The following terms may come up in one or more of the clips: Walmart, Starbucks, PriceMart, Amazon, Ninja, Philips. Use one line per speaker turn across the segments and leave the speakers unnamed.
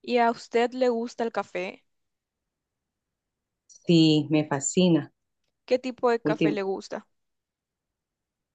¿Y a usted le gusta el café?
Sí, me fascina.
¿Qué tipo de café
Últim-
le gusta?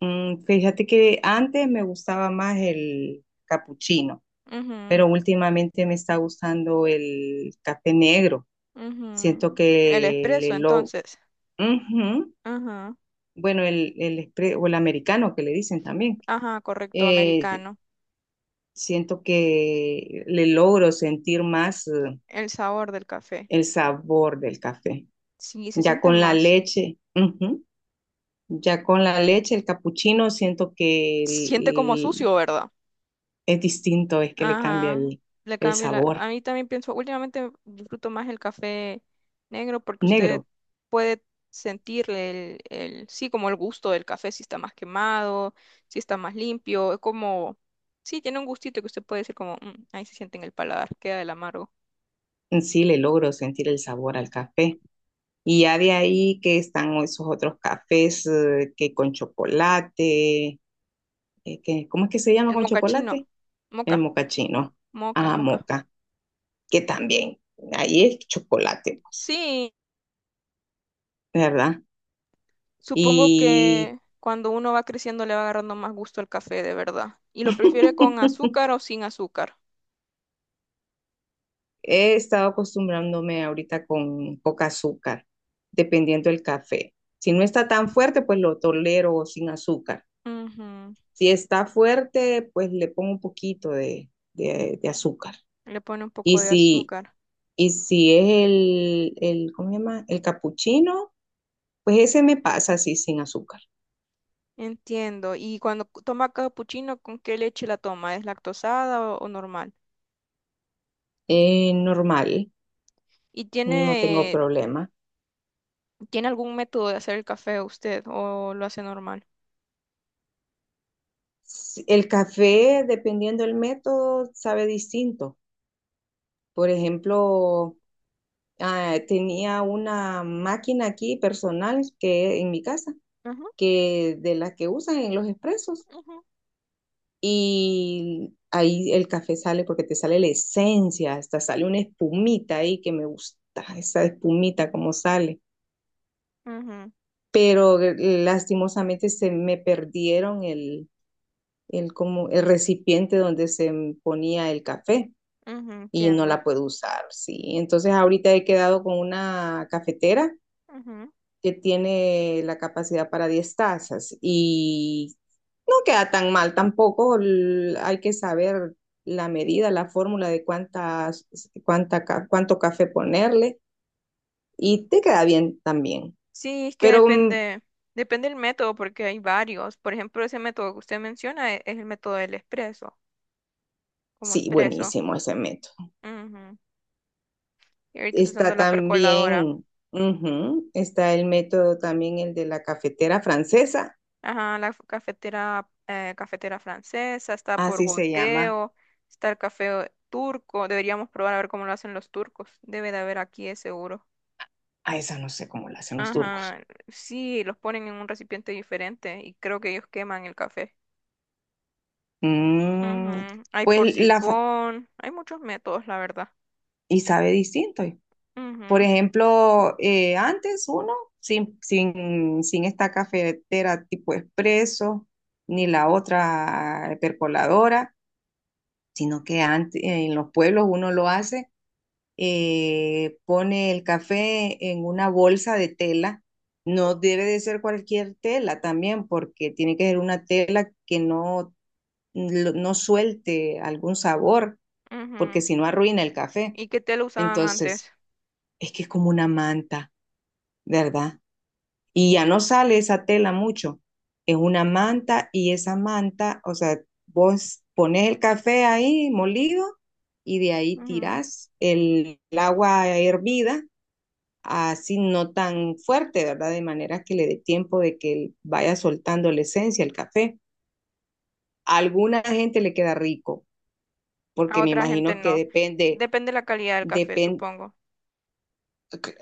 Fíjate que antes me gustaba más el capuchino,
Ujú,
pero últimamente me está gustando el café negro.
ujú.
Siento
El
que
espresso, entonces.
Ujú.
Ajá,
Bueno, el o el americano que le dicen también.
ajá, correcto,
Eh,
americano.
Siento que le logro sentir más
El sabor del café.
el sabor del café.
Sí, se
Ya
siente
con la
más.
leche, ujú. Ya con la leche, el capuchino, siento
Se siente como
que
sucio, ¿verdad?
es distinto, es que le cambia
Ajá, le
el
cambio la...
sabor
A mí también pienso, últimamente disfruto más el café negro porque usted
negro.
puede sentirle sí, como el gusto del café, si está más quemado, si está más limpio, es como, sí, tiene un gustito que usted puede decir como, "Mm, ahí se siente en el paladar, queda del amargo.
En sí le logro sentir el sabor al café. Y ya de ahí que están esos otros cafés que con chocolate, que, ¿cómo es que se llama
El
con
mocachino,
chocolate? El
moca,
mocachino,
moca,
ah,
moca.
moca, que también, ahí es chocolate, pues,
Sí,
¿verdad?
supongo
Y
que cuando uno va creciendo le va agarrando más gusto al café, de verdad. ¿Y lo prefiere con azúcar o sin azúcar?
he estado acostumbrándome ahorita con poca azúcar, dependiendo del café. Si no está tan fuerte, pues lo tolero sin azúcar.
Ujú.
Si está fuerte, pues le pongo un poquito de azúcar.
Le pone un poco
Y
de
si,
azúcar.
y si es el, ¿cómo se llama? El capuchino, pues ese me pasa así sin azúcar.
Entiendo. Y toma capuchino, ¿con qué leche la toma? ¿Es lactosada o normal?
Normal,
¿Y
no tengo
tiene,
problema.
tiene algún método de hacer el café usted o lo hace normal?
El café, dependiendo del método, sabe distinto. Por ejemplo, ah, tenía una máquina aquí personal que en mi casa,
Ujú,
que de las que usan en los expresos,
ujú,
y ahí el café sale porque te sale la esencia, hasta sale una espumita ahí que me gusta, esa espumita como sale.
ujú,
Pero lastimosamente se me perdieron como, el recipiente donde ponía el café
ujú,
y no
entiendo.
la puedo usar, sí. Entonces ahorita he quedado con una cafetera
Ujú.
que tiene la capacidad para 10 tazas. Y no queda tan mal tampoco, hay que saber la medida, la fórmula de cuánto café ponerle y te queda bien también.
Sí, es que
Pero
depende, depende del método porque hay varios. Por ejemplo, ese método que usted menciona es, el método del expreso, como
sí,
expreso.
buenísimo ese método.
Ujú. Y ahorita estoy usando
Está
la percoladora.
también, ujú, está el método también, el de la cafetera francesa,
Ajá, la cafetera francesa, está por
así se llama.
goteo, está el café turco. Deberíamos probar a ver cómo lo hacen los turcos. Debe de haber aquí, es seguro.
A esa no sé cómo la hacen los turcos.
Ajá, sí, los ponen en un recipiente diferente y creo que ellos queman el café.
Mm,
Ujú, hay por
pues
sifón, hay muchos métodos, la verdad.
y sabe distinto. Por
Ujú,
ejemplo, antes uno, sin esta cafetera tipo expreso, ni la otra percoladora, sino que antes, en los pueblos uno lo hace, pone el café en una bolsa de tela. No debe de ser cualquier tela también, porque tiene que ser una tela que no, no suelte algún sabor, porque
ujú.
si no arruina el café.
¿Y qué té lo usaban
Entonces,
antes?
es que es como una manta, ¿verdad? Y ya no sale esa tela mucho. Es una manta y esa manta, o sea, vos pones el café ahí molido y de ahí
Ujú.
tirás el agua hervida, así no tan fuerte, ¿verdad? De manera que le dé tiempo de que vaya soltando la esencia, el café. A alguna gente le queda rico,
A
porque me
otra gente
imagino que
no.
depende,
Depende de la calidad del café,
depende.
supongo.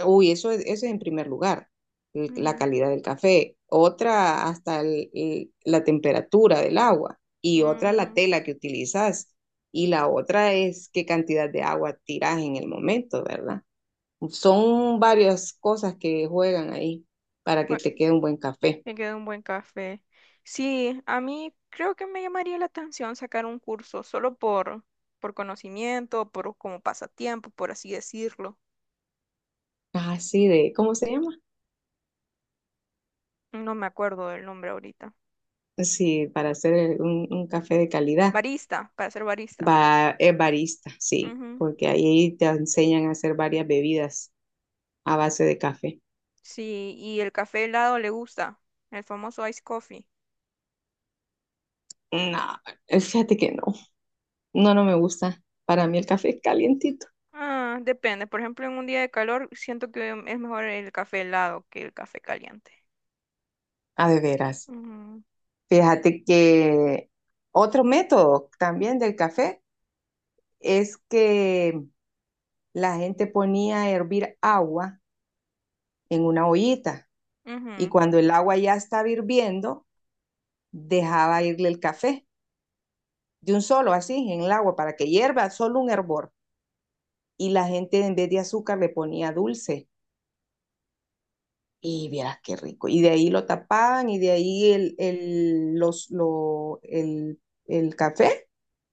Uy, eso, eso es en primer lugar, la
Ujú,
calidad del café. Otra, hasta la temperatura del agua. Y otra, la
ujú.
tela que utilizas. Y la otra es qué cantidad de agua tiras en el momento, ¿verdad? Son varias cosas que juegan ahí para que te quede un buen café.
Me queda un buen café. Sí, a mí creo que me llamaría la atención sacar un curso solo por conocimiento, por como pasatiempo, por así decirlo.
Así de, ¿cómo se llama?
No me acuerdo del nombre ahorita.
Sí, para hacer un café de calidad.
Barista, para ser barista.
Va es barista, sí,
Ujú.
porque ahí te enseñan a hacer varias bebidas a base de café.
Sí, y el café helado le gusta, el famoso ice coffee.
No, fíjate que no, no, no me gusta. Para mí el café es calientito.
Ah, depende. Por ejemplo, en un día de calor siento que es mejor el café helado que el café caliente.
Ah, de veras.
Ujú,
Fíjate que otro método también del café es que la gente ponía a hervir agua en una ollita, y
ujú,
cuando el agua ya estaba hirviendo, dejaba irle el café de un solo así en el agua para que hierva solo un hervor, y la gente en vez de azúcar le ponía dulce. Y vieras qué rico. Y de ahí lo tapaban, y de ahí el, los, lo- el café,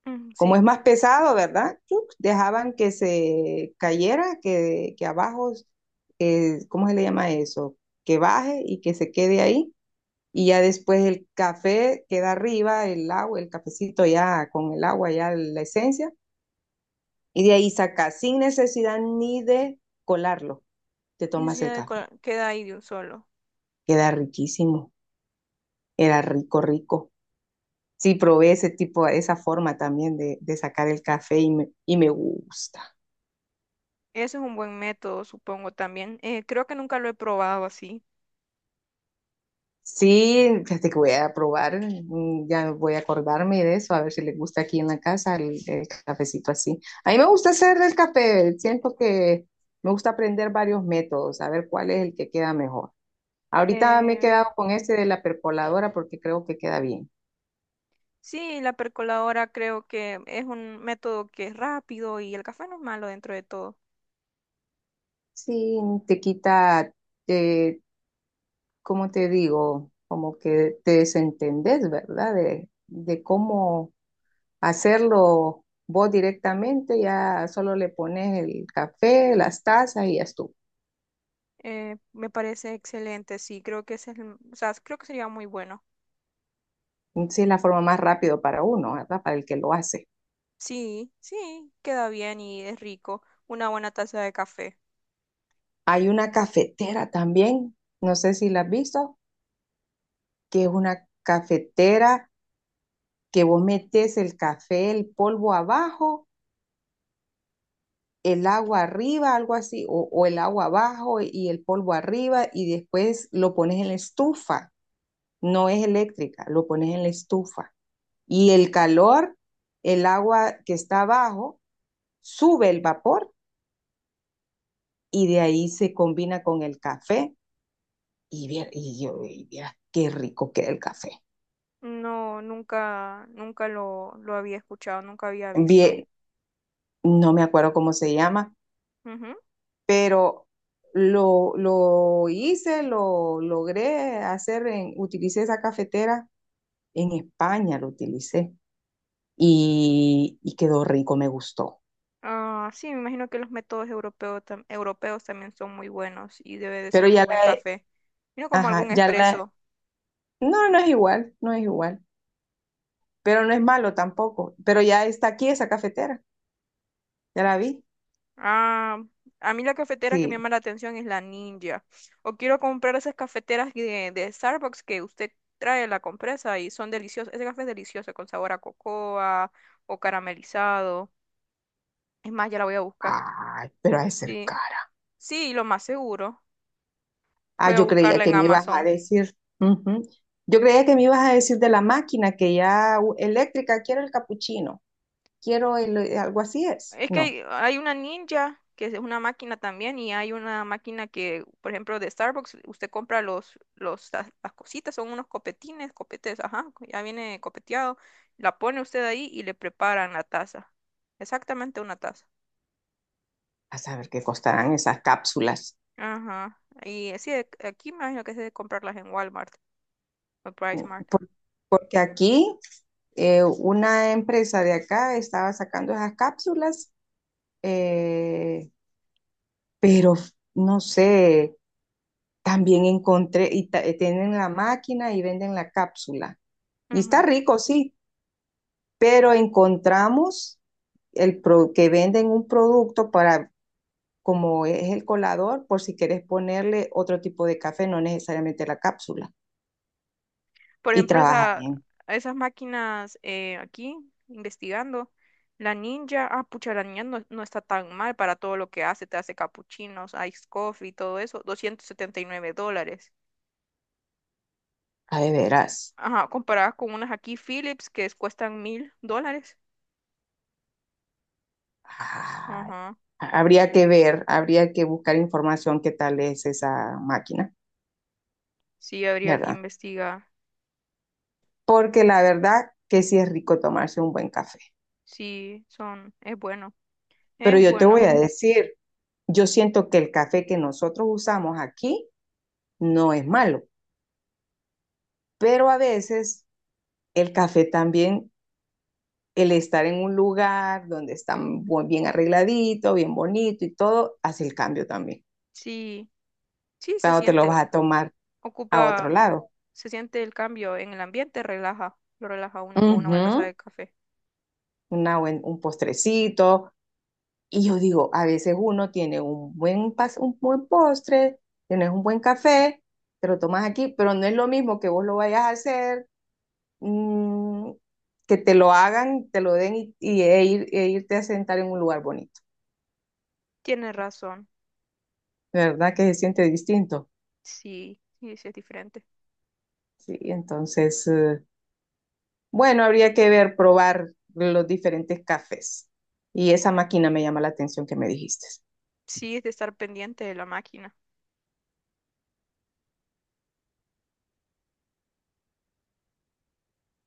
ujú,
como
¿sí?
es más pesado, ¿verdad? Chuc, dejaban que se cayera, que abajo, ¿cómo se le llama eso? Que baje y que se quede ahí. Y ya después el café queda arriba, el agua, el cafecito ya con el agua, ya la esencia. Y de ahí sacas sin necesidad ni de colarlo. Te
Sí,
tomas
sí, ya
el
de
café.
queda ahí de un solo.
Queda riquísimo. Era rico, rico. Sí, probé ese tipo, esa forma también de sacar el café y me gusta.
Eso es un buen método, supongo también. Creo que nunca lo he probado así.
Sí, fíjate que voy a probar, ya voy a acordarme de eso, a ver si le gusta aquí en la casa el cafecito así. A mí me gusta hacer el café, siento que me gusta aprender varios métodos, a ver cuál es el que queda mejor. Ahorita me he
Eh,
quedado con este de la percoladora porque creo que queda bien.
sí, la percoladora creo que es un método que es rápido y el café no es malo dentro de todo.
Sí, te quita, eh, como te digo, como que te desentendés, ¿verdad? De cómo hacerlo vos directamente, ya solo le pones el café, las tazas y ya estuvo.
Me parece excelente, sí, creo que ese es o sea, creo que sería muy bueno.
Sí, es la forma más rápida para uno, ¿verdad? Para el que lo hace.
Sí, sí, queda bien y es rico. Una buena taza de café.
Hay una cafetera también, no sé si la has visto, que es una cafetera que vos metes el café, el polvo abajo, el agua arriba, algo así, o el agua abajo y el polvo arriba, y después lo pones en la estufa. No es eléctrica, lo pones en la estufa. Y el calor, el agua que está abajo, sube el vapor y de ahí se combina con el café. Y, y yo, y vieras qué rico queda el café.
No, nunca, nunca lo había escuchado, nunca había visto.
Bien, no me acuerdo cómo se llama,
Ujú.
pero lo hice, lo logré hacer, en, utilicé esa cafetera en España lo utilicé y quedó rico, me gustó.
Ah, sí, me imagino que los métodos europeos, europeos también son muy buenos y debe de
Pero
ser muy
ya
buen
la,
café. Mira como
ajá,
algún
ya la,
expreso.
no, no es igual, no es igual, pero no es malo tampoco. Pero ya está aquí esa cafetera, ya la vi.
Ah, a mí la cafetera que me
Sí,
llama la atención es la Ninja. O quiero comprar esas cafeteras de Starbucks que usted trae la compresa y son deliciosas. Ese café es delicioso con sabor a cocoa o caramelizado. Es más, ya la voy a buscar.
ay, pero ha de ser
Sí,
cara.
sí, lo más seguro.
Ah,
Voy a
yo creía
buscarla
que
en
me ibas a
Amazon.
decir, ujú. Yo creía que me ibas a decir de la máquina que ya eléctrica, quiero el capuchino, quiero el, algo así es.
Es que
No,
hay una ninja, que es una máquina también, y hay una máquina que, por ejemplo, de Starbucks, usted compra las cositas, son unos copetines, copetes, ajá, ya viene copeteado, la pone usted ahí y le preparan la taza. Exactamente una taza.
a saber qué costarán esas cápsulas.
Ajá. Y sí, aquí me imagino que es de comprarlas en Walmart o
Mm,
PriceMart.
Por- Porque aquí una empresa de acá estaba sacando esas cápsulas, eh, pero no sé, también encontré, y tienen la máquina y venden la cápsula. Y está
Mart.
rico, sí, pero encontramos que venden un producto para, como es el colador, por si quieres ponerle otro tipo de café, no necesariamente la cápsula,
Por
y
ejemplo,
trabaja
esa,
bien,
esas máquinas aquí, investigando, la ninja, ah, pucha, la ninja no, no está tan mal para todo lo que hace, te hace capuchinos, ice coffee, todo eso, $279.
a de veras.
Ajá, comparadas con unas aquí Philips que cuestan $1,000.
Ah,
Ajá,
habría que ver, habría que buscar información qué tal es esa máquina,
sí, habría que
¿verdad?
investigar.
Porque la verdad que sí es rico tomarse un buen café.
Sí, son, es bueno,
Pero
es
yo te voy
bueno.
a decir, yo siento que el café que nosotros usamos aquí no es malo, pero a veces el café también, el estar en un lugar donde está bien arregladito, bien bonito y todo, hace el cambio también.
Sí, sí, se
Cuando te lo
siente,
vas a tomar a otro
ocupa,
lado.
se siente el cambio en el ambiente, relaja, lo relaja uno con una buena taza
Ujú,
de café.
un postrecito. Y yo digo, a veces uno tiene un buen, un buen postre, tienes un buen café, te lo tomas aquí, pero no es lo mismo que vos lo vayas a hacer, mm, que te lo hagan, te lo den e irte a sentar en un lugar bonito.
Tiene razón.
¿Verdad que se siente distinto?
Sí, sí, sí es diferente.
Sí, entonces, bueno, habría que ver, probar los diferentes cafés. Y esa máquina me llama la atención que me dijiste.
Sí, es de estar pendiente de la máquina.